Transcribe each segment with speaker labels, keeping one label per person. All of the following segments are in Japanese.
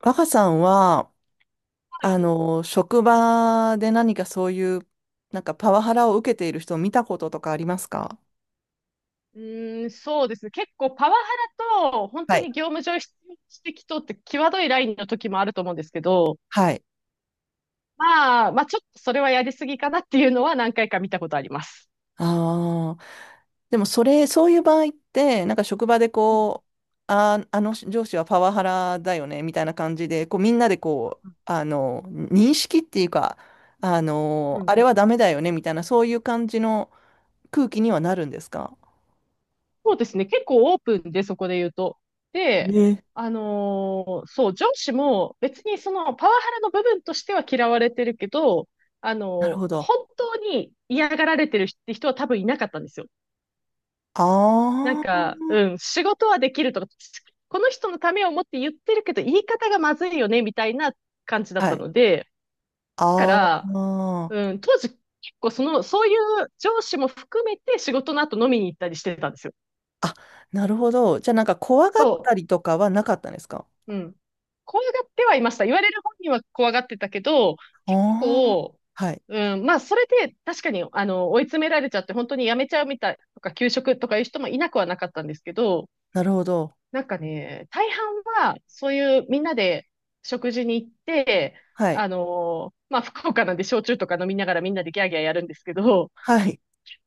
Speaker 1: 若さんは、
Speaker 2: はい。
Speaker 1: 職場で何かそういう、なんかパワハラを受けている人を見たこととかありますか？
Speaker 2: うーん、そうですね。結構パワハラと、本
Speaker 1: は
Speaker 2: 当
Speaker 1: い。
Speaker 2: に業務上必要指摘とって際どいラインの時もあると思うんですけど、
Speaker 1: はい。
Speaker 2: まあちょっとそれはやりすぎかなっていうのは何回か見たことあります。
Speaker 1: ああ。でも、それ、そういう場合って、なんか職場で
Speaker 2: うん
Speaker 1: こう、上司はパワハラだよね、みたいな感じで、こう、みんなでこう、
Speaker 2: う
Speaker 1: 認識っていうか、
Speaker 2: んう
Speaker 1: あ
Speaker 2: ん。
Speaker 1: れはダメだよね、みたいな、そういう感じの空気にはなるんですか
Speaker 2: そうですね。結構オープンで、そこで言うと。で、
Speaker 1: ね。
Speaker 2: そう、上司も別にそのパワハラの部分としては嫌われてるけど、
Speaker 1: なるほど。
Speaker 2: 本当に嫌がられてるって人は多分いなかったんですよ。なん
Speaker 1: あ
Speaker 2: か、うん、仕事はできるとか、この人のためを思って言ってるけど、言い方がまずいよね、みたいな感じだ
Speaker 1: あ。
Speaker 2: っ
Speaker 1: は
Speaker 2: た
Speaker 1: い。
Speaker 2: ので、だか
Speaker 1: あ
Speaker 2: ら、
Speaker 1: あ。
Speaker 2: うん、当時、結構その、そういう上司も含めて仕事の後飲みに行ったりしてたんですよ。
Speaker 1: あ、なるほど。じゃあなんか怖がった
Speaker 2: そ
Speaker 1: りとかはなかったんですか？
Speaker 2: う。うん。怖がってはいました。言われる本人は怖がってたけど、結
Speaker 1: ああ
Speaker 2: 構、
Speaker 1: はい。
Speaker 2: うん、まあ、それで確かに、追い詰められちゃって、本当に辞めちゃうみたいとか、休職とかいう人もいなくはなかったんですけど、
Speaker 1: なるほど。
Speaker 2: なんかね、大半は、そういうみんなで食事に行って、
Speaker 1: はい。
Speaker 2: まあ、福岡なんで焼酎とか飲みながらみんなでギャーギャーやるんですけど、
Speaker 1: はい。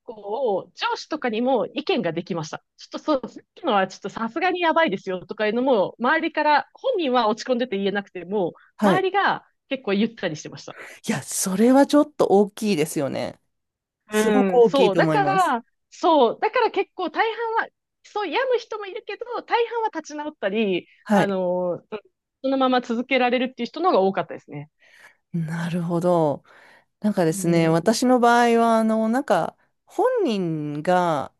Speaker 2: こう、上司とかにも意見ができました。ちょっとそう、さっきのはちょっとさすがにやばいですよとかいうのも、周りから、本人は落ち込んでて言えなくても、
Speaker 1: は
Speaker 2: 周
Speaker 1: い。
Speaker 2: りが結構言ったりしてました。
Speaker 1: いや、それはちょっと大きいですよね。すごく
Speaker 2: うん、
Speaker 1: 大きい
Speaker 2: そう。
Speaker 1: と
Speaker 2: だ
Speaker 1: 思い
Speaker 2: か
Speaker 1: ます。
Speaker 2: ら、そう。だから結構大半は、そう、病む人もいるけど、大半は立ち直ったり、
Speaker 1: はい。
Speaker 2: そのまま続けられるっていう人の方が多かったですね。
Speaker 1: なるほど。なんかで
Speaker 2: う
Speaker 1: すね、
Speaker 2: ん。う
Speaker 1: 私の場合は、なんか、本人が、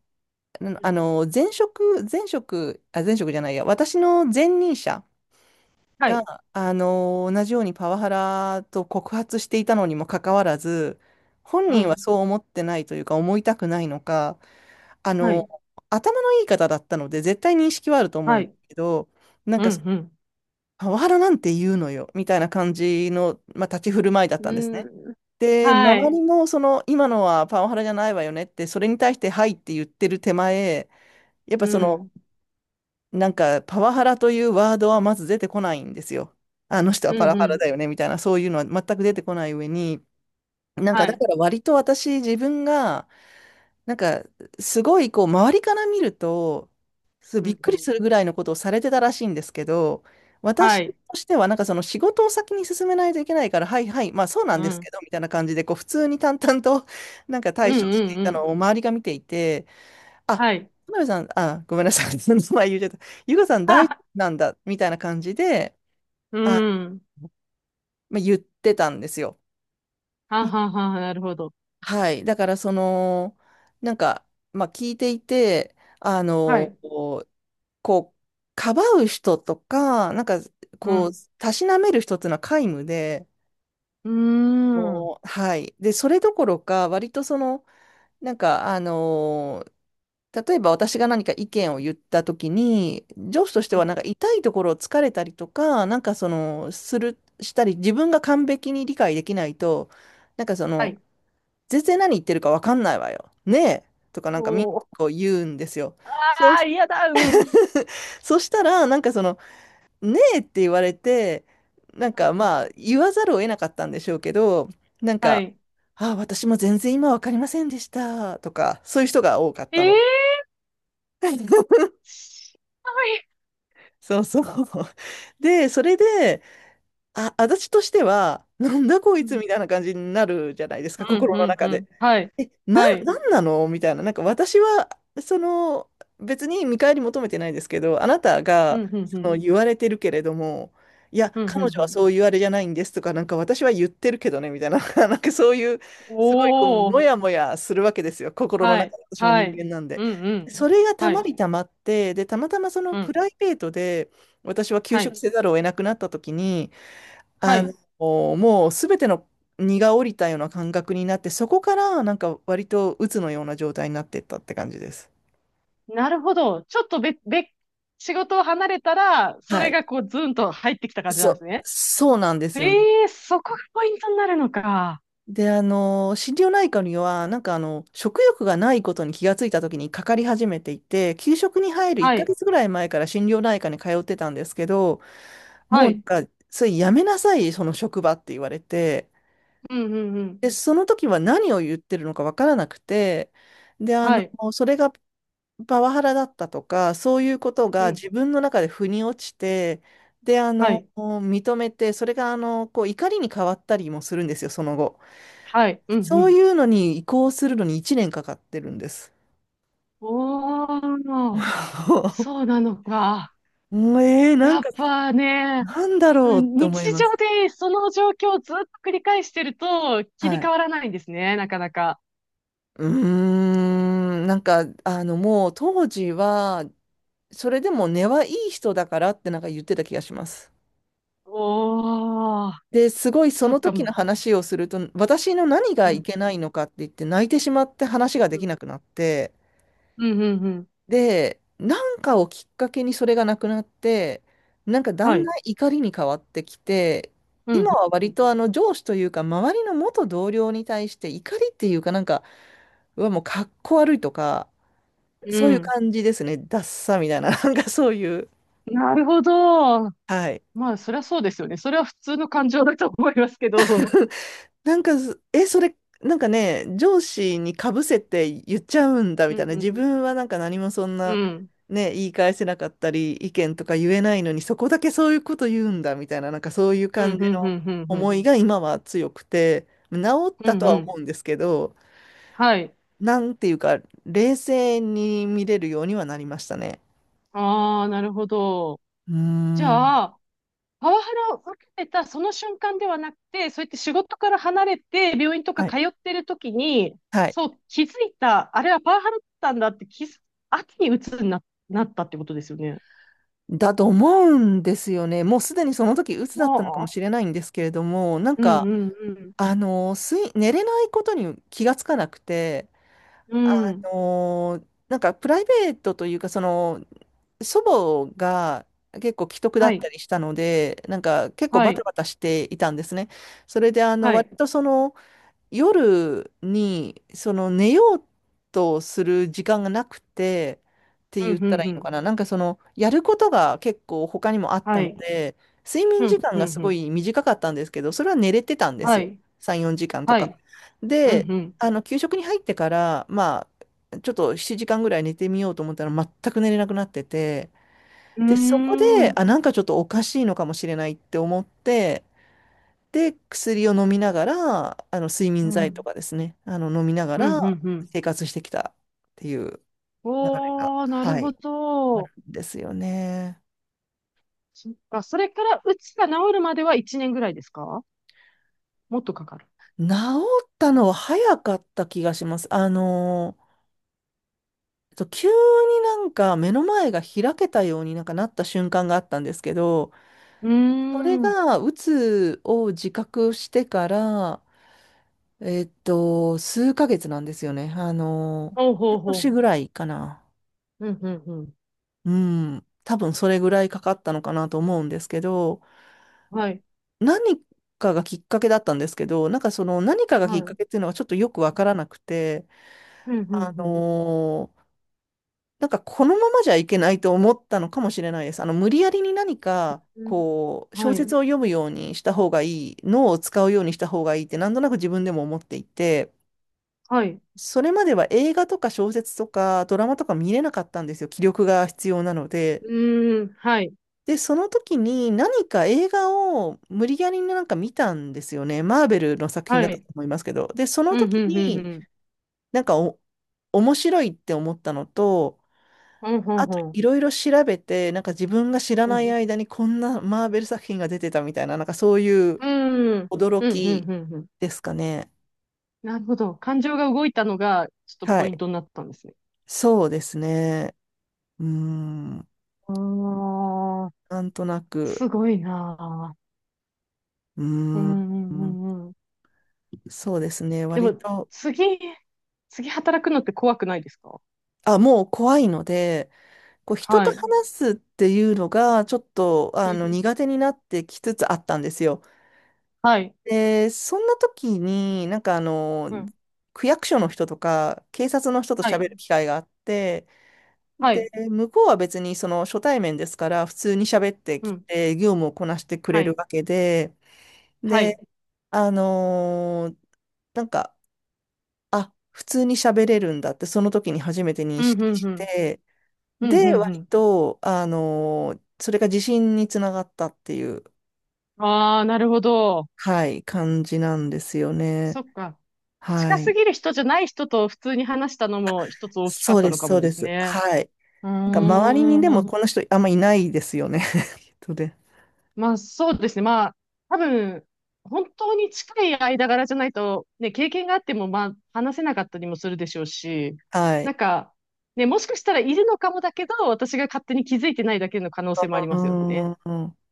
Speaker 2: ん
Speaker 1: 前職、前職、あ、前職じゃないや、私の前任者
Speaker 2: はい。
Speaker 1: が、同じようにパワハラと告発していたのにもかかわらず、本
Speaker 2: う
Speaker 1: 人は
Speaker 2: ん。
Speaker 1: そう思ってないというか、思いたくないのか、あ
Speaker 2: は
Speaker 1: の
Speaker 2: い。
Speaker 1: ー頭のいい方だったので、絶対認識はあると思う
Speaker 2: は
Speaker 1: んで
Speaker 2: い。
Speaker 1: すけど、なん
Speaker 2: う
Speaker 1: か、
Speaker 2: ん、
Speaker 1: パワハラなんて言うのよ、みたいな感じの、まあ、立ち振る舞いだっ
Speaker 2: う
Speaker 1: たんです
Speaker 2: ん。
Speaker 1: ね。
Speaker 2: うん。
Speaker 1: で、
Speaker 2: は
Speaker 1: 周
Speaker 2: い。
Speaker 1: りも、その、今のはパワハラじゃないわよねって、それに対して、はいって言ってる手前、やっ
Speaker 2: う
Speaker 1: ぱその、
Speaker 2: ん。
Speaker 1: なんか、パワハラというワードはまず出てこないんですよ。あの人はパ
Speaker 2: う
Speaker 1: ワ
Speaker 2: ん、う
Speaker 1: ハラ
Speaker 2: ん。
Speaker 1: だよね、みたいな、そういうのは全く出てこない上に、なんか、
Speaker 2: は
Speaker 1: だか
Speaker 2: い。
Speaker 1: ら割と私、自分が、なんか、すごい、こう、周りから見ると、そ
Speaker 2: う
Speaker 1: びっ
Speaker 2: ん、
Speaker 1: く
Speaker 2: う
Speaker 1: り
Speaker 2: ん。
Speaker 1: するぐらいのことをされてたらしいんですけど、
Speaker 2: は
Speaker 1: 私と
Speaker 2: い。
Speaker 1: しては、なんかその仕事を先に進めないといけないから、はいはい、まあそうな
Speaker 2: う
Speaker 1: んです
Speaker 2: ん。
Speaker 1: けど、みたいな感じで、こう、普通に淡々と、なんか対
Speaker 2: うん、
Speaker 1: 処
Speaker 2: う
Speaker 1: してい
Speaker 2: ん、う
Speaker 1: たの
Speaker 2: ん。
Speaker 1: を周りが見ていて、あ、田
Speaker 2: はい。
Speaker 1: 辺さん、あ、ごめんなさい。その名前言っちゃった。ゆかさん大丈夫
Speaker 2: あ、
Speaker 1: なんだ、みたいな感じで、
Speaker 2: う
Speaker 1: あ、
Speaker 2: ん。
Speaker 1: まあ、言ってたんですよ。う
Speaker 2: は
Speaker 1: ん
Speaker 2: はは、なるほど。
Speaker 1: はい。だから、その、なんか、まあ、聞いていて、
Speaker 2: はい。
Speaker 1: こう、かばう人とか、なんか、
Speaker 2: う
Speaker 1: こう、
Speaker 2: ん。
Speaker 1: たしなめる人っていうのは皆無で、
Speaker 2: うーん。うん
Speaker 1: もう、はい。で、それどころか、割とその、なんか、例えば私が何か意見を言った時に、上司
Speaker 2: はいはいうん
Speaker 1: として
Speaker 2: う
Speaker 1: は
Speaker 2: んう
Speaker 1: なんか
Speaker 2: ん
Speaker 1: 痛いところを突かれたりとか、なんかその、したり、自分が完璧に理解できないと、なんか
Speaker 2: はいうんうんうんはいうんうんはいうんうんうんうんはいあ
Speaker 1: そ
Speaker 2: うん
Speaker 1: の、
Speaker 2: はは
Speaker 1: 全然何言ってるかわかんないわよ。ねえ
Speaker 2: はなるほどはいうんうー
Speaker 1: とかなんかみんな
Speaker 2: んうはい
Speaker 1: こう言うんですよ。そう、
Speaker 2: ああ、嫌だ、うん。うん
Speaker 1: そしたら、なんかその、ねえって言われて、なんか
Speaker 2: う
Speaker 1: まあ、
Speaker 2: ん。
Speaker 1: 言わざるを得なかったんでしょうけど、なん
Speaker 2: は
Speaker 1: か、
Speaker 2: い。
Speaker 1: あ、私も全然今わかりませんでしたとか、そういう人が多かったの。
Speaker 2: ええ しはい。
Speaker 1: そうそう。で、それで、あ、私としては、なんだこい
Speaker 2: う
Speaker 1: つ
Speaker 2: ん、
Speaker 1: みたいな感じになるじゃないです
Speaker 2: う
Speaker 1: か、
Speaker 2: ん、
Speaker 1: 心
Speaker 2: う
Speaker 1: の
Speaker 2: ん、う
Speaker 1: 中
Speaker 2: ん。
Speaker 1: で。
Speaker 2: はい。はい。
Speaker 1: なんなのみたいな。なんか私は、その、別に見返り求めてないですけど、あなた
Speaker 2: うん、
Speaker 1: が、
Speaker 2: うん、う
Speaker 1: そ
Speaker 2: ん。
Speaker 1: の、言われてるけれども、いや、
Speaker 2: うん、うん、
Speaker 1: 彼
Speaker 2: う
Speaker 1: 女は
Speaker 2: ん。
Speaker 1: そう言われじゃないんですとか、なんか私は言ってるけどね、みたいな、なんかそういう、すごい、こう、
Speaker 2: お
Speaker 1: も
Speaker 2: ー。
Speaker 1: やもやするわけですよ。心の
Speaker 2: は
Speaker 1: 中
Speaker 2: い。
Speaker 1: で、私も
Speaker 2: は
Speaker 1: 人
Speaker 2: い。
Speaker 1: 間なんで。
Speaker 2: うん、う
Speaker 1: そ
Speaker 2: ん。
Speaker 1: れがた
Speaker 2: は
Speaker 1: ま
Speaker 2: い。
Speaker 1: りたまって、で、たまたまその
Speaker 2: う
Speaker 1: プ
Speaker 2: ん。
Speaker 1: ライベートで、私は休
Speaker 2: は
Speaker 1: 職
Speaker 2: い。
Speaker 1: せざるを得なくなった時に、
Speaker 2: は
Speaker 1: あ
Speaker 2: い。
Speaker 1: もうすべての荷が下りたような感覚になって、そこからなんか割と鬱のような状態になっていったって感じです。
Speaker 2: なるほど。ちょっとべ、べ、仕事を離れたら、そ
Speaker 1: は
Speaker 2: れ
Speaker 1: い。
Speaker 2: がこう、ズンと入ってきた感じなんですね。
Speaker 1: そうなんですよね。
Speaker 2: ええそこがポイントになるのか。
Speaker 1: で、心療内科には、なんかあの、食欲がないことに気がついた時にかかり始めていて、給食に入る1
Speaker 2: はい。
Speaker 1: ヶ月ぐらい前から心療内科に通ってたんですけど、
Speaker 2: は
Speaker 1: もうな
Speaker 2: い。
Speaker 1: んか、それやめなさい、その職場って言われて、
Speaker 2: うん、うん、うん。
Speaker 1: で、その時は何を言ってるのかわからなくて、で、
Speaker 2: はい。
Speaker 1: それがパワハラだったとか、そういうこと
Speaker 2: う
Speaker 1: が
Speaker 2: ん。
Speaker 1: 自分の中で腑に落ちて、で、
Speaker 2: はい。
Speaker 1: 認めて、それが、こう、怒りに変わったりもするんですよ、その後。
Speaker 2: はい。うん、う
Speaker 1: そう
Speaker 2: ん。
Speaker 1: いうのに移行するのに1年かかってるんです。
Speaker 2: おー、そ うなのか。
Speaker 1: もうえー、なん
Speaker 2: や
Speaker 1: か、
Speaker 2: っぱね、
Speaker 1: なんだろうって思
Speaker 2: 日
Speaker 1: います。
Speaker 2: 常でその状況をずっと繰り返してると切
Speaker 1: は
Speaker 2: り替
Speaker 1: い。
Speaker 2: わらないんですね、なかなか。
Speaker 1: うーなんか、もう当時は、それでも根はいい人だからってなんか言ってた気がします。
Speaker 2: おー、
Speaker 1: で、すごいそ
Speaker 2: そ
Speaker 1: の
Speaker 2: っか。う
Speaker 1: 時の
Speaker 2: ん、
Speaker 1: 話をすると、私の何
Speaker 2: う
Speaker 1: がい
Speaker 2: ん、
Speaker 1: けないのかって言って泣いてしまって話
Speaker 2: う
Speaker 1: ができ
Speaker 2: ん、
Speaker 1: なくなって、
Speaker 2: うん、うん、うん。
Speaker 1: で、なんかをきっかけにそれがなくなって、なんかだ
Speaker 2: は
Speaker 1: んだ
Speaker 2: い。
Speaker 1: ん怒りに変わってきて、
Speaker 2: うん、
Speaker 1: 今は
Speaker 2: う
Speaker 1: 割
Speaker 2: ん、
Speaker 1: とあの上司というか周りの元同僚に対して怒りっていうかなんか、うわ、もうかっこ悪いとか、
Speaker 2: うん。
Speaker 1: そういう
Speaker 2: うん
Speaker 1: 感じですね。ダッサみたいな、なんかそういう。
Speaker 2: なるほど。
Speaker 1: はい。
Speaker 2: まあ、そりゃそうですよね。それは普通の感情だと思いますけど。
Speaker 1: なんかず、え、それ、なんかね、上司にかぶせて言っちゃうんだみ
Speaker 2: う
Speaker 1: たい
Speaker 2: ん、
Speaker 1: な、
Speaker 2: う
Speaker 1: 自
Speaker 2: ん、
Speaker 1: 分はなんか何もそんな、
Speaker 2: うん、
Speaker 1: ね、言い返せなかったり、意見とか言えないのに、そこだけそういうこと言うんだみたいな、なんかそういう
Speaker 2: うん、
Speaker 1: 感
Speaker 2: うん、
Speaker 1: じ
Speaker 2: うん、
Speaker 1: の
Speaker 2: うん、うん、
Speaker 1: 思いが今は強くて、治っ
Speaker 2: うん。
Speaker 1: たと
Speaker 2: う
Speaker 1: は思
Speaker 2: ん
Speaker 1: うんですけど、
Speaker 2: はい。
Speaker 1: なんていうか、冷静に見れるようにはなりましたね。
Speaker 2: ああ、なるほど。
Speaker 1: うー
Speaker 2: じ
Speaker 1: ん。
Speaker 2: ゃあ、パワハラを受けてたその瞬間ではなくて、そうやって仕事から離れて、病院とか
Speaker 1: はい。
Speaker 2: 通ってる時に、
Speaker 1: はい。
Speaker 2: そう、気づいた、あれはパワハラだったんだって気づく、後に鬱になったってことですよね。
Speaker 1: だと思うんですよね。もうすでにその時、鬱だ
Speaker 2: あ
Speaker 1: ったのかも
Speaker 2: あ、
Speaker 1: しれないんですけれども、なん
Speaker 2: う
Speaker 1: か、
Speaker 2: んうん
Speaker 1: 寝れないことに気がつかなくて、
Speaker 2: う
Speaker 1: あ
Speaker 2: ん。うん。
Speaker 1: なんかプライベートというか、その、祖母が結構危篤だ
Speaker 2: は
Speaker 1: っ
Speaker 2: い、
Speaker 1: たりしたので、なんか結構
Speaker 2: は
Speaker 1: バタ
Speaker 2: い、
Speaker 1: バタしていたんですね。それで、
Speaker 2: は
Speaker 1: 割
Speaker 2: い。
Speaker 1: とその、夜にその寝ようとする時間がなくてって
Speaker 2: うん、
Speaker 1: 言
Speaker 2: う
Speaker 1: っ
Speaker 2: ん、う
Speaker 1: たらいいの
Speaker 2: ん。
Speaker 1: かな。なんかそのやることが結構他にもあった
Speaker 2: は
Speaker 1: の
Speaker 2: い。
Speaker 1: で、睡眠
Speaker 2: う
Speaker 1: 時
Speaker 2: ん、
Speaker 1: 間
Speaker 2: うん、
Speaker 1: がす
Speaker 2: う
Speaker 1: ご
Speaker 2: ん。
Speaker 1: い短かったんですけど、それは寝れてたんです
Speaker 2: は
Speaker 1: よ。
Speaker 2: い、
Speaker 1: 3、4時間と
Speaker 2: は
Speaker 1: か。
Speaker 2: い。う
Speaker 1: で、
Speaker 2: ん、
Speaker 1: あの給食に入ってから、まあ、ちょっと7時間ぐらい寝てみようと思ったら全く寝れなくなってて、
Speaker 2: う
Speaker 1: で、そこ
Speaker 2: ん。うー
Speaker 1: で、
Speaker 2: ん。
Speaker 1: あ、なんかちょっとおかしいのかもしれないって思って、で、薬を飲みながら、睡
Speaker 2: う
Speaker 1: 眠剤と
Speaker 2: ん、
Speaker 1: かですね、飲みなが
Speaker 2: うん、う
Speaker 1: ら
Speaker 2: ん、うん。
Speaker 1: 生活してきたっていう流れが、
Speaker 2: おー、なる
Speaker 1: は
Speaker 2: ほ
Speaker 1: い、あ
Speaker 2: ど。
Speaker 1: るんですよね。
Speaker 2: そっか、それからうつが治るまでは1年ぐらいですか？もっとかかる？
Speaker 1: 治ったのは早かった気がします。急になんか目の前が開けたようになんかなった瞬間があったんですけど、
Speaker 2: うー
Speaker 1: それ
Speaker 2: ん。
Speaker 1: が、うつを自覚してから、数ヶ月なんですよね。
Speaker 2: ほうほ
Speaker 1: 半
Speaker 2: う
Speaker 1: 年
Speaker 2: ほ
Speaker 1: ぐらいかな。
Speaker 2: う。うん、うん、うん。
Speaker 1: うん、多分それぐらいかかったのかなと思うんですけど、
Speaker 2: はい、
Speaker 1: 何かがきっかけだったんですけど、なんかその何かがき
Speaker 2: は
Speaker 1: っ
Speaker 2: い。う
Speaker 1: か
Speaker 2: ん、
Speaker 1: けっていうのがちょっとよくわからなくて、
Speaker 2: うん、
Speaker 1: あ
Speaker 2: うん。
Speaker 1: のーなんかこのままじゃいけないと思ったのかもしれないです。無理やりに何か、
Speaker 2: うん
Speaker 1: こう、
Speaker 2: は
Speaker 1: 小
Speaker 2: い、
Speaker 1: 説を読むようにした方がいい、脳を使うようにした方がいいってなんとなく自分でも思っていて、
Speaker 2: はい。
Speaker 1: それまでは映画とか小説とかドラマとか見れなかったんですよ。気力が必要なので。
Speaker 2: うーん、はい、
Speaker 1: で、その時に何か映画を無理やりなんか見たんですよね。マーベルの作品
Speaker 2: は
Speaker 1: だったと
Speaker 2: い。
Speaker 1: 思いますけど。で、その
Speaker 2: うん、
Speaker 1: 時
Speaker 2: うん、うん、う
Speaker 1: に
Speaker 2: ん。
Speaker 1: なんかお、面白いって思ったのと、
Speaker 2: ほうほう
Speaker 1: あと
Speaker 2: ほう。
Speaker 1: いろいろ調べて、なんか自分が知ら
Speaker 2: う
Speaker 1: ない
Speaker 2: ん。
Speaker 1: 間にこんなマーベル作品が出てたみたいな、なんかそういう
Speaker 2: うーん。
Speaker 1: 驚
Speaker 2: うん、うん、
Speaker 1: き
Speaker 2: うん、うん。
Speaker 1: ですかね。
Speaker 2: なるほど。感情が動いたのが、ちょっと
Speaker 1: は
Speaker 2: ポイン
Speaker 1: い。
Speaker 2: トになったんですね。
Speaker 1: そうですね。うーん。
Speaker 2: ああ、
Speaker 1: なんとなく。
Speaker 2: すごいなあ。
Speaker 1: う
Speaker 2: うん、
Speaker 1: ー
Speaker 2: うん、う
Speaker 1: ん。
Speaker 2: ん、うん。
Speaker 1: そうですね。
Speaker 2: で
Speaker 1: 割
Speaker 2: も、
Speaker 1: と。
Speaker 2: 次、次働くのって怖くないですか？
Speaker 1: あ、もう怖いので、こう人
Speaker 2: は
Speaker 1: と
Speaker 2: い。
Speaker 1: 話すっていうのがちょっと
Speaker 2: う
Speaker 1: あの
Speaker 2: ん。
Speaker 1: 苦手になってきつつあったんですよ。
Speaker 2: はい。
Speaker 1: で、そんな時になんかあの
Speaker 2: うん。
Speaker 1: 区役所の人とか警察の人と
Speaker 2: は
Speaker 1: 喋る
Speaker 2: い。
Speaker 1: 機会があって、
Speaker 2: は
Speaker 1: で、
Speaker 2: い。
Speaker 1: 向こうは別にその初対面ですから普通に喋って
Speaker 2: う
Speaker 1: き
Speaker 2: ん。
Speaker 1: て業務をこなしてく
Speaker 2: は
Speaker 1: れる
Speaker 2: い。
Speaker 1: わけで、
Speaker 2: は
Speaker 1: で、
Speaker 2: い。
Speaker 1: あのーなんか、あ、普通に喋れるんだってその時に初めて認
Speaker 2: うん、
Speaker 1: 識
Speaker 2: うん、う
Speaker 1: し
Speaker 2: ん。
Speaker 1: て、
Speaker 2: うん、う
Speaker 1: で、
Speaker 2: ん、う
Speaker 1: 割
Speaker 2: ん。
Speaker 1: と、それが自信につながったっていう、
Speaker 2: ああ、なるほど。
Speaker 1: はい、感じなんですよね。
Speaker 2: そっか。
Speaker 1: は
Speaker 2: 近す
Speaker 1: い。
Speaker 2: ぎる人じゃない人と普通に話したのも一つ大きか
Speaker 1: そ
Speaker 2: っ
Speaker 1: う
Speaker 2: た
Speaker 1: で
Speaker 2: の
Speaker 1: す、
Speaker 2: か
Speaker 1: そ
Speaker 2: も
Speaker 1: う
Speaker 2: で
Speaker 1: で
Speaker 2: す
Speaker 1: す。
Speaker 2: ね。
Speaker 1: はい。
Speaker 2: うー
Speaker 1: なんか周りにでも
Speaker 2: ん。
Speaker 1: この人あんまいないですよね。とで。
Speaker 2: まあそうですね。まあ多分、本当に近い間柄じゃないと、ね、経験があってもまあ話せなかったりもするでしょうし、
Speaker 1: はい。
Speaker 2: なんか、ね、もしかしたらいるのかもだけど、私が勝手に気づいてないだけの可能性もあり
Speaker 1: う
Speaker 2: ますよね。
Speaker 1: ーん。